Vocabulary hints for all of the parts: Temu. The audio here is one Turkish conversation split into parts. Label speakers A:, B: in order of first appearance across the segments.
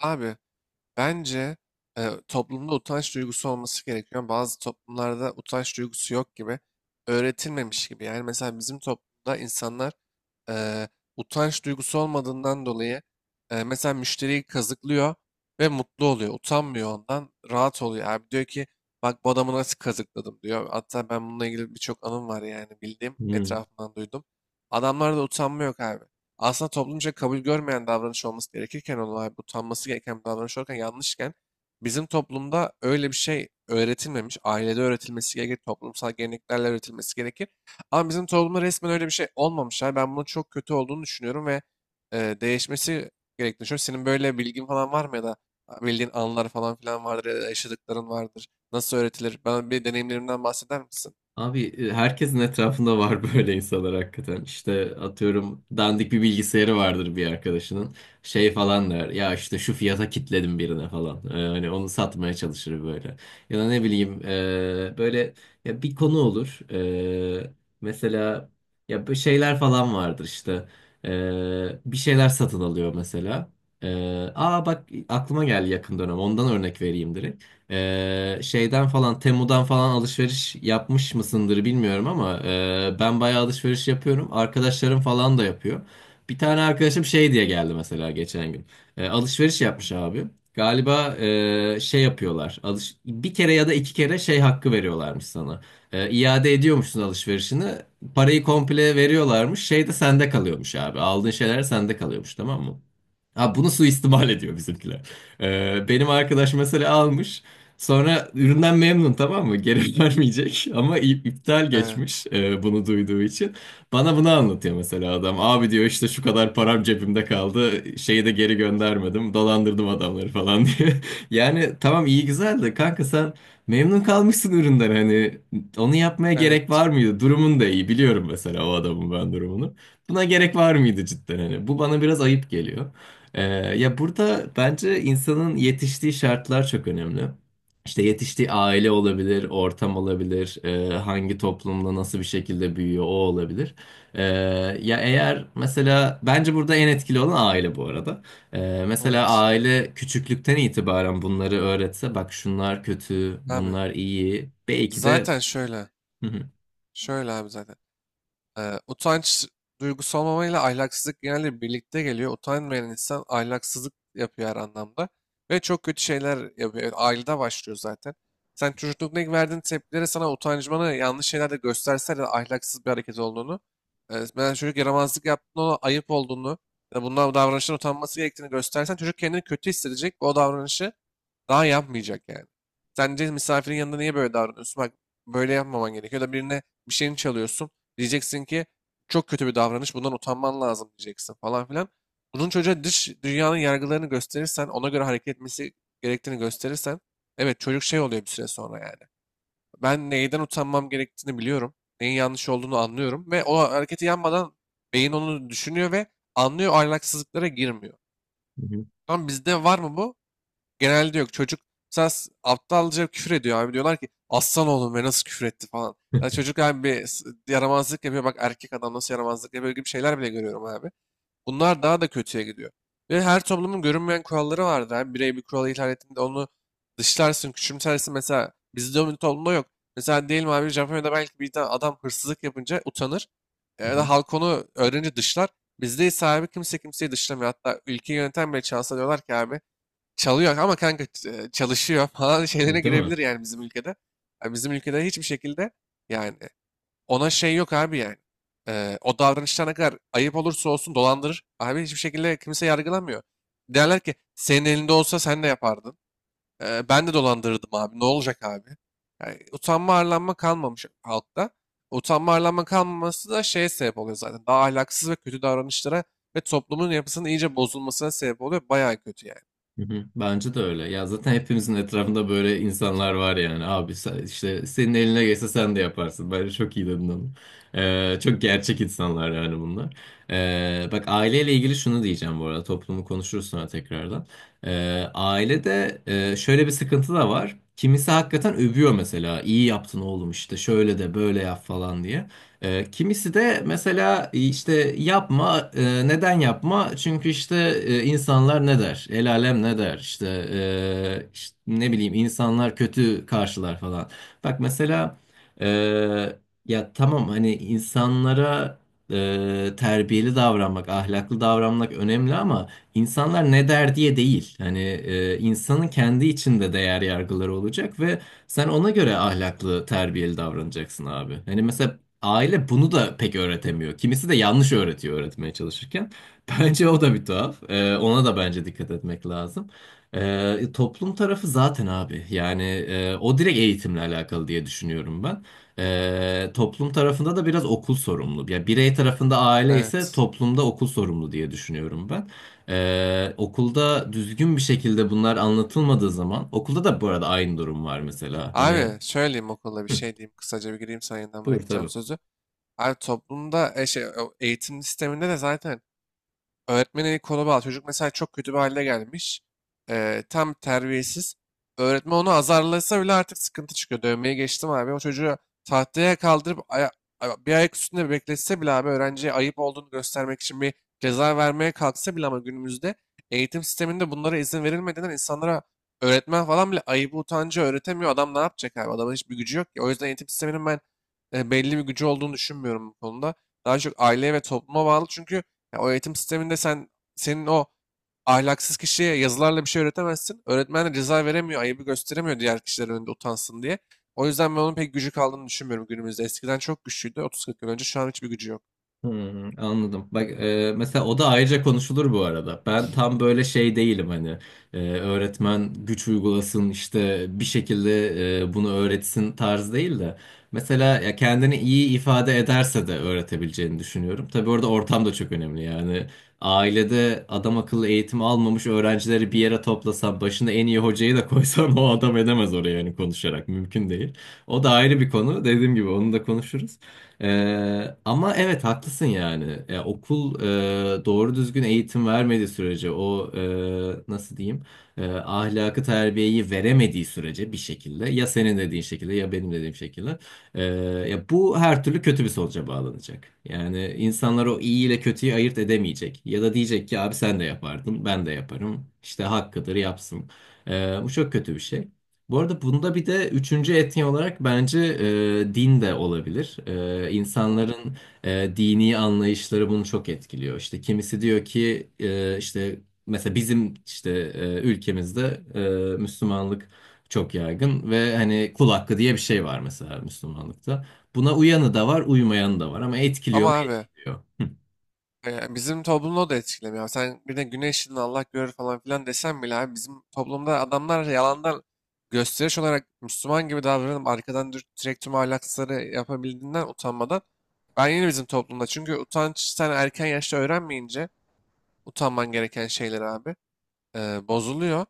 A: Abi bence toplumda utanç duygusu olması gerekiyor. Bazı toplumlarda utanç duygusu yok gibi, öğretilmemiş gibi. Yani mesela bizim toplumda insanlar e, utanç duygusu olmadığından dolayı mesela müşteriyi kazıklıyor ve mutlu oluyor. Utanmıyor ondan, rahat oluyor. Abi diyor ki bak bu adamı nasıl kazıkladım diyor. Hatta ben bununla ilgili birçok anım var yani bildiğim,
B: Hmm.
A: etrafımdan duydum. Adamlarda utanma yok abi. Aslında toplumca kabul görmeyen davranış olması gerekirken olay bu utanması gereken bir davranış olurken yanlışken bizim toplumda öyle bir şey öğretilmemiş. Ailede öğretilmesi gerekir, toplumsal geleneklerle öğretilmesi gerekir. Ama bizim toplumda resmen öyle bir şey olmamış. Yani ben bunun çok kötü olduğunu düşünüyorum ve değişmesi gerektiğini düşünüyorum. Senin böyle bilgin falan var mı ya da bildiğin anılar falan filan vardır ya da yaşadıkların vardır. Nasıl öğretilir? Bana bir deneyimlerinden bahseder misin?
B: Abi herkesin etrafında var böyle insanlar hakikaten. İşte atıyorum dandik bir bilgisayarı vardır bir arkadaşının. Şey falan der. Ya işte şu fiyata kitledim birine falan. Hani onu satmaya çalışır böyle. Ya da ne bileyim böyle ya bir konu olur. E, Mesela ya bu şeyler falan vardır işte. Bir şeyler satın alıyor mesela. E, Aa, bak aklıma geldi yakın dönem. Ondan örnek vereyim direkt. Şeyden falan Temu'dan falan alışveriş yapmış mısındır bilmiyorum ama ben bayağı alışveriş yapıyorum. Arkadaşlarım falan da yapıyor. Bir tane arkadaşım şey diye geldi mesela geçen gün. Alışveriş yapmış abi. Galiba şey yapıyorlar. Alış bir kere ya da iki kere şey hakkı veriyorlarmış sana. İade ediyormuşsun alışverişini. Parayı komple veriyorlarmış. Şey de sende kalıyormuş abi. Aldığın şeyler sende kalıyormuş, tamam mı? Ha, bunu suistimal ediyor bizimkiler. Benim arkadaş mesela almış. Sonra üründen memnun, tamam mı? Geri vermeyecek ama iptal geçmiş
A: Evet,
B: bunu duyduğu için. Bana bunu anlatıyor mesela adam. Abi diyor işte şu kadar param cebimde kaldı. Şeyi de geri göndermedim. Dolandırdım adamları falan diye. Yani tamam iyi güzel de kanka sen memnun kalmışsın üründen, hani onu yapmaya gerek
A: evet,
B: var mıydı? Durumun da iyi biliyorum mesela o adamın ben durumunu. Buna gerek var mıydı cidden hani? Bu bana biraz ayıp geliyor. E, Ya burada bence insanın yetiştiği şartlar çok önemli. İşte yetiştiği aile olabilir, ortam olabilir, hangi toplumda nasıl bir şekilde büyüyor o olabilir. E, Ya eğer mesela bence burada en etkili olan aile bu arada. Mesela
A: evet.
B: aile küçüklükten itibaren bunları öğretse bak şunlar kötü,
A: Abi
B: bunlar iyi. Belki de
A: zaten şöyle,
B: Hı hı.
A: şöyle abi zaten. Utanç duygusu olmamayla ahlaksızlık genelde birlikte geliyor. Utanmayan insan ahlaksızlık yapıyor her anlamda. Ve çok kötü şeyler yapıyor. Yani ailede başlıyor zaten. Sen çocuklukta ilk verdiğin tepkilere sana utancmanı yanlış şeyler de gösterse de ahlaksız bir hareket olduğunu, ben çocuk yaramazlık yaptığında ona ayıp olduğunu, ya da bundan davranıştan utanması gerektiğini göstersen çocuk kendini kötü hissedecek ve o davranışı daha yapmayacak yani. Sence misafirin yanında niye böyle davranıyorsun? Bak böyle yapmaman gerekiyor. Ya da birine bir şeyini çalıyorsun. Diyeceksin ki çok kötü bir davranış. Bundan utanman lazım diyeceksin falan filan. Bunun çocuğa dış dünyanın yargılarını gösterirsen, ona göre hareket etmesi gerektiğini gösterirsen, evet çocuk şey oluyor bir süre sonra yani. Ben neyden utanmam gerektiğini biliyorum. Neyin yanlış olduğunu anlıyorum ve o hareketi yapmadan beyin onu düşünüyor ve anlıyor, ahlaksızlıklara girmiyor. Tamam, bizde var mı bu? Genelde yok. Çocuk mesela aptalca küfür ediyor abi. Diyorlar ki aslan oğlum ve nasıl küfür etti falan.
B: Hı
A: Ya çocuk abi bir yaramazlık yapıyor. Bak erkek adam nasıl yaramazlık yapıyor gibi şeyler bile görüyorum abi. Bunlar daha da kötüye gidiyor. Ve her toplumun görünmeyen kuralları vardır abi. Birey bir kuralı ihlal ettiğinde onu dışlarsın, küçümsersin. Mesela bizde o toplumda yok. Mesela diyelim abi Japonya'da belki bir tane adam hırsızlık yapınca utanır. Ya
B: hı.
A: da halk onu öğrenince dışlar. Bizde ise abi kimse kimseyi dışlamıyor. Hatta ülkeyi yöneten bile çalsa diyorlar ki abi çalıyor ama kanka çalışıyor falan
B: Hı
A: şeylerine
B: hı, değil mi?
A: girebilir yani bizim ülkede. Yani bizim ülkede hiçbir şekilde, yani ona şey yok abi yani. O davranışlar ne kadar ayıp olursa olsun dolandırır. Abi hiçbir şekilde kimse yargılamıyor. Derler ki senin elinde olsa sen de yapardın. Ben de dolandırırdım abi. Ne olacak abi? Yani utanma arlanma kalmamış halkta. Utanma arlanma kalmaması da şeye sebep oluyor zaten. Daha ahlaksız ve kötü davranışlara ve toplumun yapısının iyice bozulmasına sebep oluyor. Bayağı kötü yani.
B: Hı hı. Bence de öyle. Ya zaten hepimizin etrafında böyle insanlar var yani. Abi işte senin eline geçse sen de yaparsın. Bence çok iyi dedin onu. Çok gerçek insanlar yani bunlar. Bak aileyle ilgili şunu diyeceğim bu arada. Toplumu konuşuruz sonra tekrardan. Ailede şöyle bir sıkıntı da var. Kimisi hakikaten övüyor mesela. İyi yaptın oğlum işte şöyle de böyle yap falan diye. Kimisi de mesela işte yapma, neden yapma? Çünkü işte insanlar ne der? El alem ne der? İşte, işte ne bileyim insanlar kötü karşılar falan. Bak mesela e, ya tamam hani insanlara terbiyeli davranmak, ahlaklı davranmak önemli ama insanlar ne der diye değil. Hani insanın kendi içinde değer yargıları olacak ve sen ona göre ahlaklı, terbiyeli davranacaksın abi. Hani mesela aile bunu da pek öğretemiyor. Kimisi de yanlış öğretiyor öğretmeye çalışırken. Bence o da bir tuhaf. Ona da bence dikkat etmek lazım. Toplum tarafı zaten abi. Yani o direkt eğitimle alakalı diye düşünüyorum ben. Toplum tarafında da biraz okul sorumlu. Yani birey tarafında aile ise
A: Evet.
B: toplumda okul sorumlu diye düşünüyorum ben. Okulda düzgün bir şekilde bunlar anlatılmadığı zaman okulda da bu arada aynı durum var mesela. Hani
A: Abi söyleyeyim, okulda bir
B: hı,
A: şey diyeyim. Kısaca bir gireyim, sana yeniden
B: buyur
A: bırakacağım
B: tabii.
A: sözü. Abi toplumda o eğitim sisteminde de zaten öğretmenin eli kolu bağlı. Çocuk mesela çok kötü bir hale gelmiş. Tam terbiyesiz. Öğretmen onu azarlasa bile artık sıkıntı çıkıyor. Dövmeyi geçtim abi. O çocuğu tahtaya kaldırıp bir ayak üstünde bekletse bile abi öğrenciye ayıp olduğunu göstermek için bir ceza vermeye kalksa bile ama günümüzde eğitim sisteminde bunlara izin verilmediğinden insanlara öğretmen falan bile ayıbı utancı öğretemiyor. Adam ne yapacak abi? Adamın hiçbir gücü yok ki. O yüzden eğitim sisteminin ben belli bir gücü olduğunu düşünmüyorum bu konuda. Daha çok aileye ve topluma bağlı. Çünkü ya o eğitim sisteminde senin o ahlaksız kişiye yazılarla bir şey öğretemezsin. Öğretmen de ceza veremiyor, ayıbı gösteremiyor diğer kişiler önünde utansın diye. O yüzden ben onun pek gücü kaldığını düşünmüyorum günümüzde. Eskiden çok güçlüydü. 30-40 yıl önce şu an hiçbir gücü yok.
B: Hmm, anladım. Bak mesela o da ayrıca konuşulur bu arada. Ben tam böyle şey değilim hani öğretmen güç uygulasın işte bir şekilde bunu öğretsin tarz değil de. Mesela ya kendini iyi ifade ederse de öğretebileceğini düşünüyorum. Tabii orada ortam da çok önemli yani. Ailede adam akıllı eğitim almamış öğrencileri bir yere toplasan başına en iyi hocayı da koysan o adam edemez oraya yani konuşarak mümkün değil. O da ayrı bir konu. Dediğim gibi onu da konuşuruz. Ama evet haklısın yani. Ya, okul doğru düzgün eğitim vermediği sürece o nasıl diyeyim ahlakı terbiyeyi veremediği sürece bir şekilde ya senin dediğin şekilde ya benim dediğim şekilde e, ya bu her türlü kötü bir sonuca bağlanacak. Yani insanlar o iyi ile kötüyü ayırt edemeyecek ya da diyecek ki abi sen de yapardın ben de yaparım işte hakkıdır yapsın. E, Bu çok kötü bir şey. Bu arada bunda bir de üçüncü etni olarak bence din de olabilir.
A: Hmm.
B: İnsanların dini anlayışları bunu çok etkiliyor. İşte kimisi diyor ki işte mesela bizim işte ülkemizde Müslümanlık çok yaygın ve hani kul hakkı diye bir şey var mesela Müslümanlıkta. Buna uyanı da var, uymayanı da var ama etkiliyor mu?
A: Ama abi,
B: Etkiliyor. Hı
A: Bizim toplumu da etkilemiyor. Sen bir de güneşin Allah görür falan filan desen bile abi bizim toplumda adamlar yalandan gösteriş olarak Müslüman gibi davranıp arkadan direkt tüm ahlaksızları yapabildiğinden utanmadan ben yine bizim toplumda çünkü utanç sen erken yaşta öğrenmeyince utanman gereken şeyler abi bozuluyor.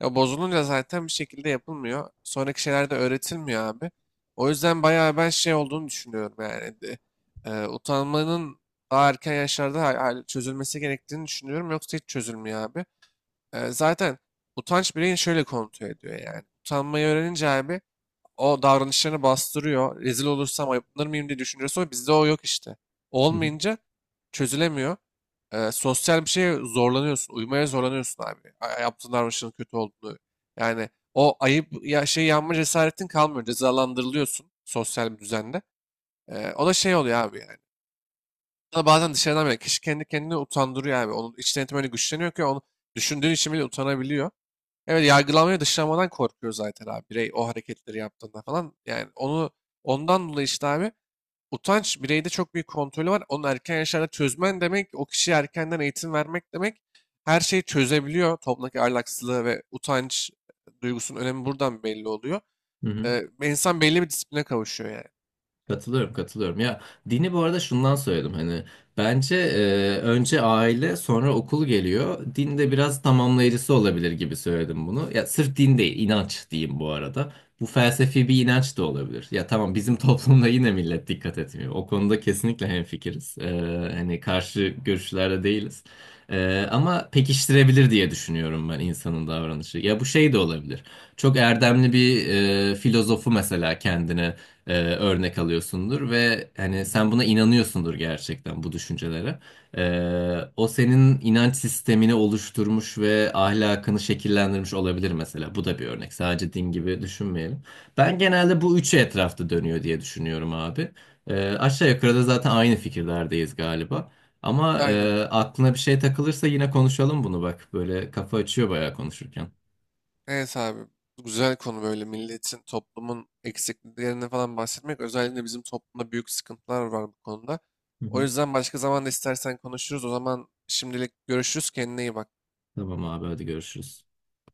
A: Ya bozulunca zaten bir şekilde yapılmıyor. Sonraki şeyler de öğretilmiyor abi. O yüzden bayağı ben şey olduğunu düşünüyorum yani. Utanmanın daha erken yaşlarda çözülmesi gerektiğini düşünüyorum. Yoksa hiç çözülmüyor abi. Zaten utanç bireyin şöyle kontrol ediyor yani. Utanmayı öğrenince abi o davranışlarını bastırıyor. Rezil olursam ayıplanır mıyım diye düşünüyorsa bizde o yok işte.
B: hı.
A: Olmayınca çözülemiyor. Sosyal bir şeye zorlanıyorsun. Uymaya zorlanıyorsun abi. Yaptığın davranışın kötü olduğunu. Yani o ayıp ya şey yanma cesaretin kalmıyor. Cezalandırılıyorsun sosyal bir düzende. O da şey oluyor abi yani. Sana bazen dışarıdan bile kişi kendi kendini utandırıyor abi. Onun iç denetimi öyle güçleniyor ki onu düşündüğün için bile utanabiliyor. Evet, yargılanmaya dışlanmadan korkuyor zaten abi birey o hareketleri yaptığında falan. Yani ondan dolayı işte abi utanç bireyde çok büyük kontrolü var. Onu erken yaşlarda çözmen demek o kişiye erkenden eğitim vermek demek. Her şeyi çözebiliyor. Toplumdaki ahlaksızlığı ve utanç duygusunun önemi buradan belli oluyor.
B: Hı hı.
A: İnsan belli bir disipline kavuşuyor yani.
B: Katılıyorum, katılıyorum. Ya dini bu arada şundan söyledim hani bence önce aile sonra okul geliyor. Din de biraz tamamlayıcısı olabilir gibi söyledim bunu. Ya sırf din değil, inanç diyeyim bu arada. Bu felsefi bir inanç da olabilir. Ya tamam bizim toplumda yine millet dikkat etmiyor. O konuda kesinlikle hemfikiriz. Hani karşı görüşlerde değiliz. Ama pekiştirebilir diye düşünüyorum ben insanın davranışı. Ya bu şey de olabilir. Çok erdemli bir filozofu mesela kendine örnek alıyorsundur ve hani sen buna inanıyorsundur gerçekten bu düşüncelere. O senin inanç sistemini oluşturmuş ve ahlakını şekillendirmiş olabilir mesela. Bu da bir örnek. Sadece din gibi düşünmeyelim. Ben genelde bu üçü etrafta dönüyor diye düşünüyorum abi. Aşağı yukarı da zaten aynı fikirlerdeyiz galiba. Ama
A: Aynen.
B: aklına bir şey takılırsa yine konuşalım bunu bak. Böyle kafa açıyor bayağı konuşurken.
A: Evet abi. Güzel konu böyle milletin, toplumun eksikliklerini falan bahsetmek. Özellikle bizim toplumda büyük sıkıntılar var bu konuda.
B: Hı
A: O
B: hı.
A: yüzden başka zaman da istersen konuşuruz. O zaman şimdilik görüşürüz. Kendine iyi bak.
B: Tamam abi, hadi görüşürüz.